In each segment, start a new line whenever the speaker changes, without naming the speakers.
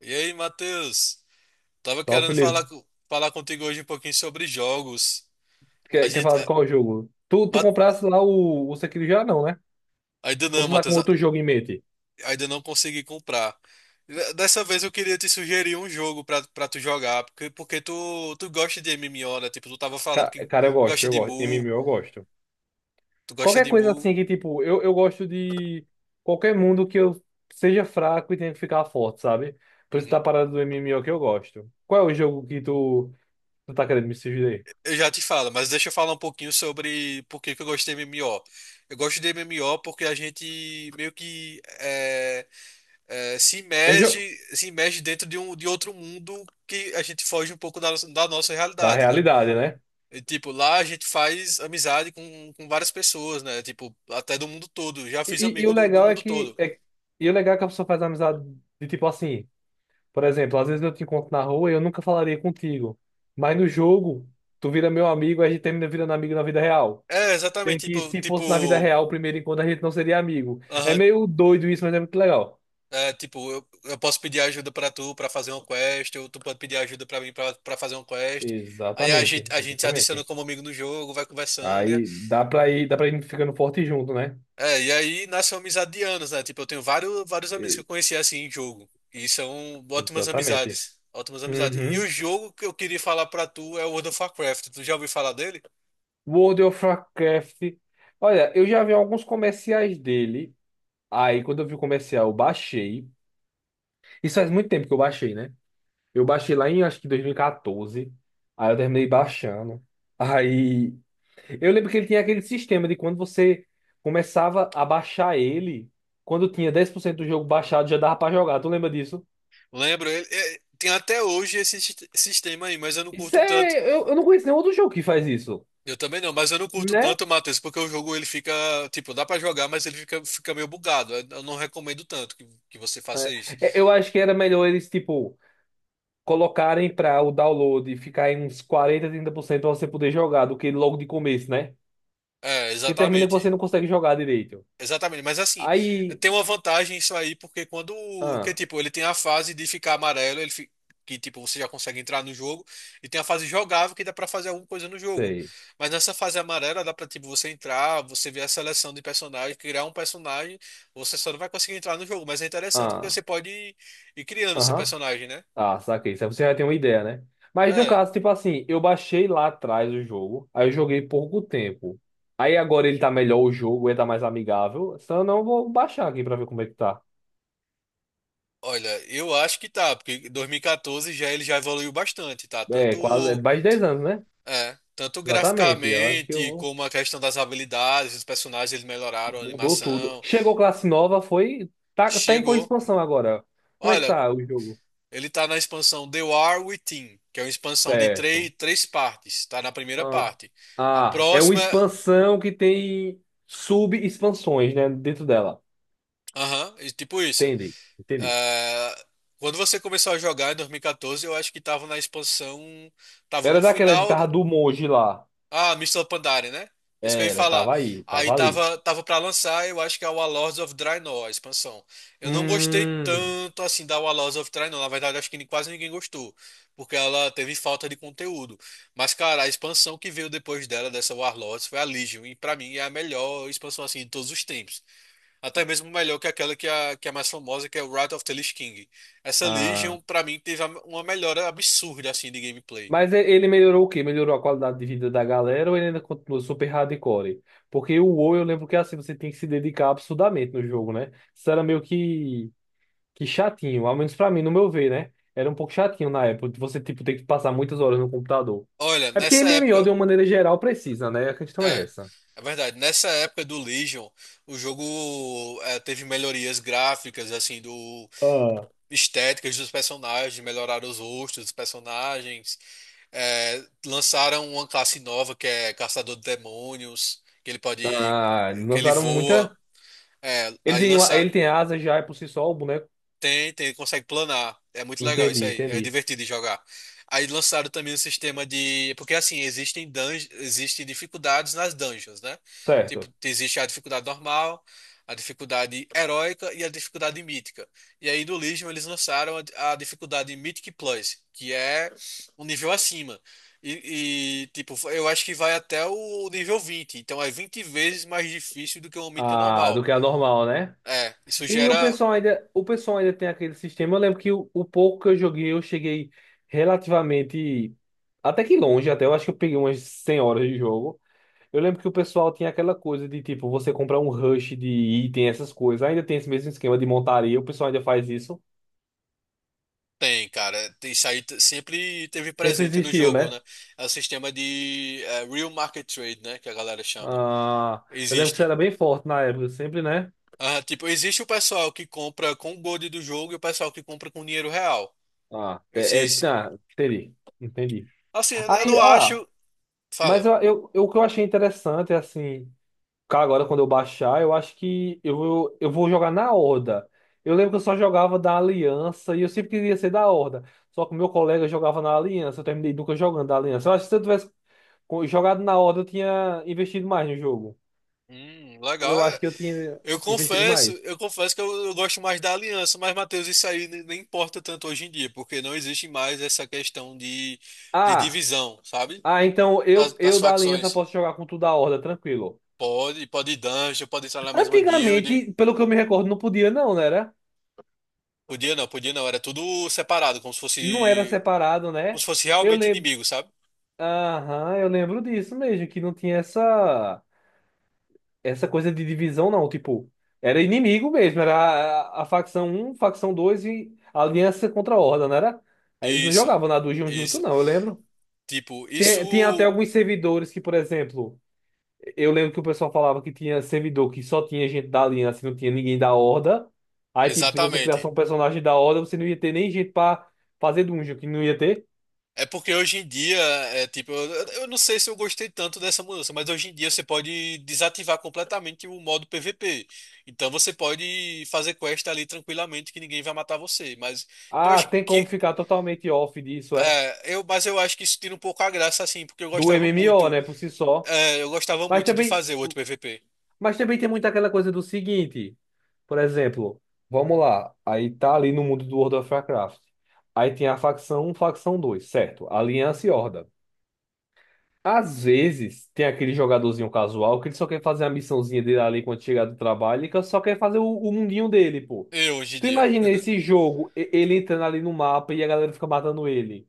E aí, Matheus? Tava
Então,
querendo falar,
Felipe,
falar contigo hoje um pouquinho sobre jogos. A
quer
gente,
falar de
a-
qual jogo? Tu
Ma-
comprasse lá o Sekiro já não, né?
ainda
Ou
não,
tu tá com
Matheus,
outro jogo em mente?
ainda não consegui comprar. Dessa vez eu queria te sugerir um jogo pra tu jogar, porque tu gosta de MMO, né? Tipo, tu tava falando
Ca-
que
Cara, eu gosto,
gosta
eu
de
gosto.
Mu,
MMO eu gosto.
tu gosta
Qualquer
de
coisa
Mu.
assim que, tipo, eu gosto de qualquer mundo que eu seja fraco e tenha que ficar forte, sabe? Por isso tá
Uhum.
parado do MMO que eu gosto. Qual é o jogo que tu tá querendo me sugerir?
Eu já te falo, mas deixa eu falar um pouquinho sobre por que que eu gosto de MMO. Eu gosto de MMO porque a gente meio que é, se
É jogo
imerge, se imerge dentro de de outro mundo que a gente foge um pouco da nossa
da
realidade, né?
realidade, né?
E, tipo, lá a gente faz amizade com várias pessoas, né? Tipo, até do mundo todo. Já
E,
fiz
e o
amigo do
legal é
mundo
que
todo.
a pessoa faz amizade de tipo assim. Por exemplo, às vezes eu te encontro na rua e eu nunca falaria contigo. Mas no jogo, tu vira meu amigo, a gente termina virando amigo na vida real.
É,
Tem
exatamente.
que,
Tipo,
se
tipo,
fosse na vida real, o primeiro encontro a gente não seria amigo. É
aham,
meio doido isso, mas é muito legal.
é, tipo, eu posso pedir ajuda pra tu pra fazer uma quest, ou tu pode pedir ajuda pra mim pra fazer uma quest. Aí a gente,
Exatamente,
a gente se adiciona
exatamente.
como amigo no jogo, vai conversando.
Aí dá pra ir ficando forte junto, né?
É, e aí nasceu amizade de anos, né? Tipo, eu tenho vários, vários amigos que eu
E-
conheci assim em jogo. E são ótimas
Exatamente.
amizades. Ótimas amizades. E
Uhum.
o jogo que eu queria falar pra tu é o World of Warcraft. Tu já ouviu falar dele?
World of Warcraft. Olha, eu já vi alguns comerciais dele. Aí, quando eu vi o comercial, eu baixei. Isso faz muito tempo que eu baixei, né? Eu baixei lá em, acho que 2014. Aí eu terminei baixando. Aí eu lembro que ele tinha aquele sistema de quando você começava a baixar ele, quando tinha 10% do jogo baixado, já dava pra jogar. Tu lembra disso?
Lembro, ele é, tem até hoje esse sistema aí, mas eu não
Isso
curto tanto.
é. Eu não conheço nenhum outro jogo que faz isso,
Eu também não, mas eu não curto
né?
tanto, Matheus, porque o jogo ele fica, tipo, dá pra jogar, mas ele fica, meio bugado. Eu não recomendo tanto que você faça
É,
isso.
é, eu acho que era melhor eles, tipo, colocarem pra o download ficar em uns 40, 30% pra você poder jogar do que logo de começo, né?
É,
Porque termina que você
exatamente.
não consegue jogar direito.
Exatamente, mas assim,
Aí.
tem uma vantagem isso aí, porque que
Ah,
tipo, ele tem a fase de ficar amarelo, que tipo, você já consegue entrar no jogo, e tem a fase jogável que dá pra fazer alguma coisa no jogo.
sei.
Mas nessa fase amarela dá pra tipo você entrar, você ver a seleção de personagens, criar um personagem, você só não vai conseguir entrar no jogo, mas é interessante porque
Ah.
você pode ir criando seu
Aham.
personagem, né?
Ah, saquei. Isso aí você já tem uma ideia, né? Mas no
É.
caso, tipo assim, eu baixei lá atrás o jogo, aí eu joguei pouco tempo. Aí agora ele tá melhor o jogo, ele tá mais amigável. Se eu não, vou baixar aqui pra ver como é que tá.
Olha, eu acho que tá, porque 2014 já ele já evoluiu bastante, tá? Tanto
É, quase, é mais de 10 anos, né?
É, tanto
Exatamente. Eu acho que eu
graficamente
vou.
como a questão das habilidades, os personagens eles melhoraram a
Mudou tudo.
animação.
Chegou classe nova, foi. Tá, tá em qual
Chegou.
expansão agora? Como é que
Olha,
tá o jogo?
ele tá na expansão The War Within, que é uma expansão de três,
Certo.
três partes. Tá na primeira
Ah,
parte. A
ah, é uma
próxima,
expansão que tem sub-expansões, né? Dentro dela.
aham, e tipo isso.
Entendi, entendi.
É, quando você começou a jogar em 2014, eu acho que tava na expansão, tava
Era
no
daquela,
final.
tava do Moji lá.
Ah, Mister Pandaren, né? É isso que eu ia
Era,
falar.
tava aí,
Aí
tava ali.
tava, pra lançar, eu acho que é o Warlords of Draenor, a expansão. Eu não gostei
Hum.
tanto assim da Warlords of Draenor. Na verdade, acho que quase ninguém gostou. Porque ela teve falta de conteúdo. Mas, cara, a expansão que veio depois dela, dessa Warlords, foi a Legion. E pra mim é a melhor expansão assim de todos os tempos. Até mesmo melhor que aquela que é a mais famosa, que é o Wrath of the Lich King. Essa
Ah,
Legion, pra mim, teve uma melhora absurda assim de gameplay.
mas ele melhorou o quê? Melhorou a qualidade de vida da galera ou ele ainda continua super hardcore? Porque o WoW, eu lembro que assim, você tem que se dedicar absurdamente no jogo, né? Isso era meio que chatinho, ao menos pra mim, no meu ver, né? Era um pouco chatinho na época, de você, tipo, ter que passar muitas horas no computador.
Olha,
É porque
nessa
MMO,
época.
de uma maneira geral, precisa, né? A questão é
É,
essa.
é verdade. Nessa época do Legion, o jogo é, teve melhorias gráficas, assim, do
Ah.
estéticas dos personagens, melhoraram os rostos dos personagens, é, lançaram uma classe nova que é Caçador de Demônios,
Ah,
que ele
lançaram
voa.
muita.
É,
Ele tem, uma- ele tem asas já é por si só o boneco.
tem, consegue planar. É muito legal isso
Entendi,
aí. É
entendi.
divertido de jogar. Aí lançaram também um sistema de. Porque assim, existem existem dificuldades nas dungeons, né? Tipo,
Certo.
existe a dificuldade normal, a dificuldade heróica e a dificuldade mítica. E aí no Legion eles lançaram a dificuldade Mythic Plus, que é um nível acima. E, tipo, eu acho que vai até o nível 20. Então é 20 vezes mais difícil do que uma mítica
Ah, do
normal.
que a normal, né?
É, isso
E o
gera
pessoal ainda, o pessoal ainda tem aquele sistema. Eu lembro que o pouco que eu joguei, eu cheguei relativamente até que longe, até eu acho que eu peguei umas 100 horas de jogo. Eu lembro que o pessoal tinha aquela coisa de tipo, você comprar um rush de item, essas coisas. Ainda tem esse mesmo esquema de montaria, o pessoal ainda faz isso.
tem, cara. Isso aí sempre teve
Sempre
presente no
existiu,
jogo,
né?
né? É o sistema de Real Market Trade, né? Que a galera chama.
Ah, eu lembro que você
Existe.
era bem forte na época, sempre, né?
Ah, tipo, existe o pessoal que compra com o gold do jogo e o pessoal que compra com dinheiro real.
Ah, é,
Esses.
tá, entendi, entendi.
Assim, eu
Aí,
não
ah,
acho.
mas
Fala.
o que eu achei interessante é assim, cara, agora quando eu baixar, eu acho que eu vou jogar na Horda. Eu lembro que eu só jogava da Aliança e eu sempre queria ser da Horda. Só que o meu colega jogava na Aliança, eu terminei nunca jogando da Aliança. Eu acho que se eu tivesse jogado na Horda, eu tinha investido mais no jogo.
Legal.
Eu acho
É.
que eu tinha investido mais.
Eu confesso que eu gosto mais da aliança, mas, Matheus, isso aí nem importa tanto hoje em dia, porque não existe mais essa questão de
Ah,
divisão, sabe?
ah, então
das
eu,
das
eu da Aliança
facções.
posso jogar com tudo da Horda, tranquilo.
Pode, pode ir dungeon, pode entrar na mesma guild.
Antigamente, pelo que eu me recordo, não podia não, né? Era-
Podia não, podia não. Era tudo separado,
Não era separado,
como
né?
se fosse
Eu
realmente
lembro,
inimigo, sabe?
aham, eu lembro disso mesmo, que não tinha essa coisa de divisão não, tipo, era inimigo mesmo, era a facção um facção 2 e a aliança contra a Horda, não era? Aí eles não
Isso,
jogavam na Dungeon junto
isso.
não, eu lembro.
Tipo,
Tem, tinha até
isso.
alguns servidores que, por exemplo, eu lembro que o pessoal falava que tinha servidor que só tinha gente da aliança, e não tinha ninguém da horda. Aí, tipo, se você criasse
Exatamente.
um personagem da horda, você não ia ter nem gente pra fazer dungeon, que não ia ter.
É porque hoje em dia, é tipo, eu não sei se eu gostei tanto dessa mudança, mas hoje em dia você pode desativar completamente o modo PVP. Então você pode fazer quest ali tranquilamente que ninguém vai matar você. Mas eu
Ah,
acho
tem como
que.
ficar totalmente off disso, é.
É, mas eu acho que isso tira um pouco a graça, assim, porque eu
Do
gostava
MMO,
muito.
né, por si só.
É, eu gostava
Mas
muito de
também,
fazer o outro PVP.
mas também tem muito aquela coisa do seguinte, por exemplo, vamos lá, aí tá ali no mundo do World of Warcraft. Aí tem a facção um, facção 2, certo? Aliança e Horda. Às vezes, tem aquele jogadorzinho casual que ele só quer fazer a missãozinha dele ali quando chegar do trabalho, ele só quer fazer o mundinho dele, pô.
Eu hoje em
Tu
dia.
imagina esse jogo, ele entrando ali no mapa e a galera fica matando ele.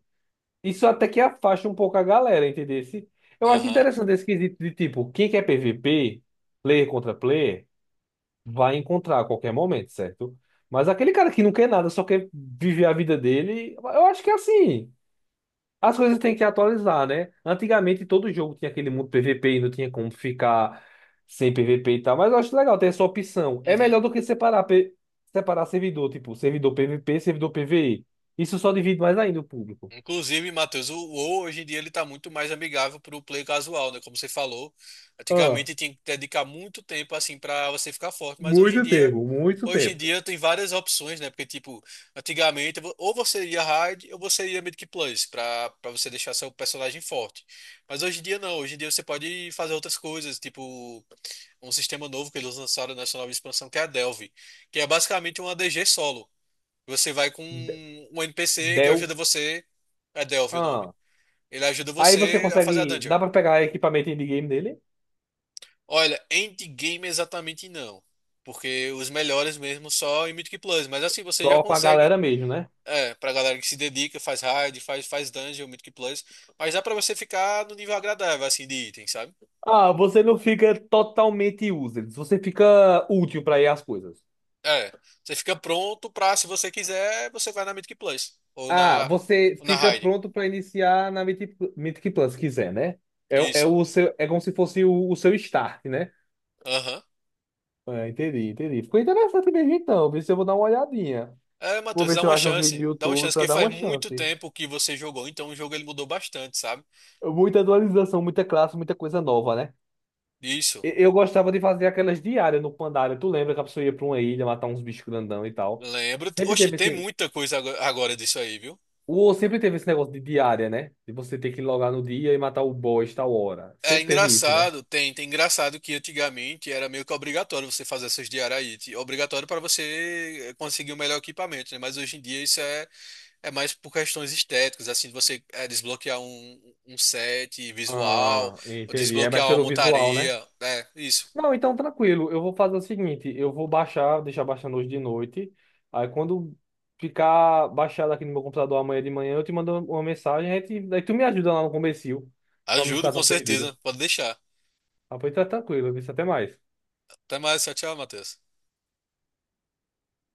Isso até que afasta um pouco a galera, entendeu? Eu acho
Aham.
interessante esse quesito de tipo, quem quer PVP, player contra player, vai encontrar a qualquer momento, certo? Mas aquele cara que não quer nada, só quer viver a vida dele, eu acho que é assim. As coisas têm que atualizar, né? Antigamente todo jogo tinha aquele mundo PVP e não tinha como ficar sem PVP e tal, mas eu acho legal ter essa opção. É
Uhum.
melhor do que separar, separar servidor, tipo, servidor PVP, servidor PVE. Isso só divide mais ainda o público.
Inclusive, Matheus, o WoW hoje em dia ele tá muito mais amigável para o play casual, né? Como você falou,
Ah,
antigamente tinha que dedicar muito tempo assim para você ficar forte, mas hoje em
muito
dia,
tempo, muito tempo.
tem várias opções, né? Porque tipo, antigamente ou você ia hard ou você ia mid plus para você deixar seu personagem forte. Mas hoje em dia não, hoje em dia você pode fazer outras coisas, tipo um sistema novo que eles lançaram nessa nova expansão que é a Delve, que é basicamente uma DG solo. Você vai com
De-
um NPC que
Deu.
ajuda você. É Delve o nome.
Ah.
Ele ajuda
Aí você
você a fazer a
consegue.
dungeon.
Dá pra pegar equipamento endgame dele?
Olha, endgame exatamente não. Porque os melhores mesmo só em Mythic Plus. Mas assim, você já
Só com a
consegue.
galera mesmo, né?
É, pra galera que se dedica, faz raid, faz dungeon, Mythic Plus. Mas dá pra você ficar no nível agradável, assim, de item, sabe?
Ah, você não fica totalmente useless, você fica útil pra ir às coisas.
É. Você fica pronto pra, se você quiser, você vai na Mythic Plus. Ou
Ah,
na,
você
ou na
fica
raid.
pronto para iniciar na Mythic, Mythic Plus, se quiser, né? É, é,
Isso.
o seu, é como se fosse o seu start, né?
Aham.
Ah, entendi, entendi. Ficou interessante mesmo então. Vê se eu vou dar uma olhadinha.
É,
Vou
Matheus,
ver
dá
se eu
uma
acho uns vídeos no
chance. Dá uma
YouTube
chance,
para
porque
dar
faz
uma
muito
chance.
tempo que você jogou, então o jogo ele mudou bastante, sabe?
Muita atualização, muita classe, muita coisa nova, né?
Isso.
Eu gostava de fazer aquelas diárias no Pandaria. Tu lembra que a pessoa ia pra uma ilha matar uns bichos grandão e tal?
Lembro.
Sempre
Oxe,
teve
tem
esse.
muita coisa agora disso aí, viu?
O, sempre teve esse negócio de diária, né? De você ter que logar no dia e matar o boss tal hora.
É
Sempre teve isso, né?
engraçado, tem engraçado que antigamente era meio que obrigatório você fazer essas diaraíte, obrigatório para você conseguir o melhor equipamento, né? Mas hoje em dia isso é, mais por questões estéticas, assim, de você desbloquear um set visual,
Ah,
ou
entendi. É mais
desbloquear uma
pelo visual, né?
montaria, né? Isso.
Não, então tranquilo. Eu vou fazer o seguinte: eu vou baixar, deixar baixando hoje de noite. Aí quando ficar baixado aqui no meu computador amanhã de manhã, eu te mando uma mensagem. Aí, aí tu me ajuda lá no comecinho, pra não
Ajudo
ficar
com
tão
certeza,
perdido.
pode deixar.
Ah, pois tá tranquilo. Viu? Até mais.
Até mais, tchau, tchau, Matheus.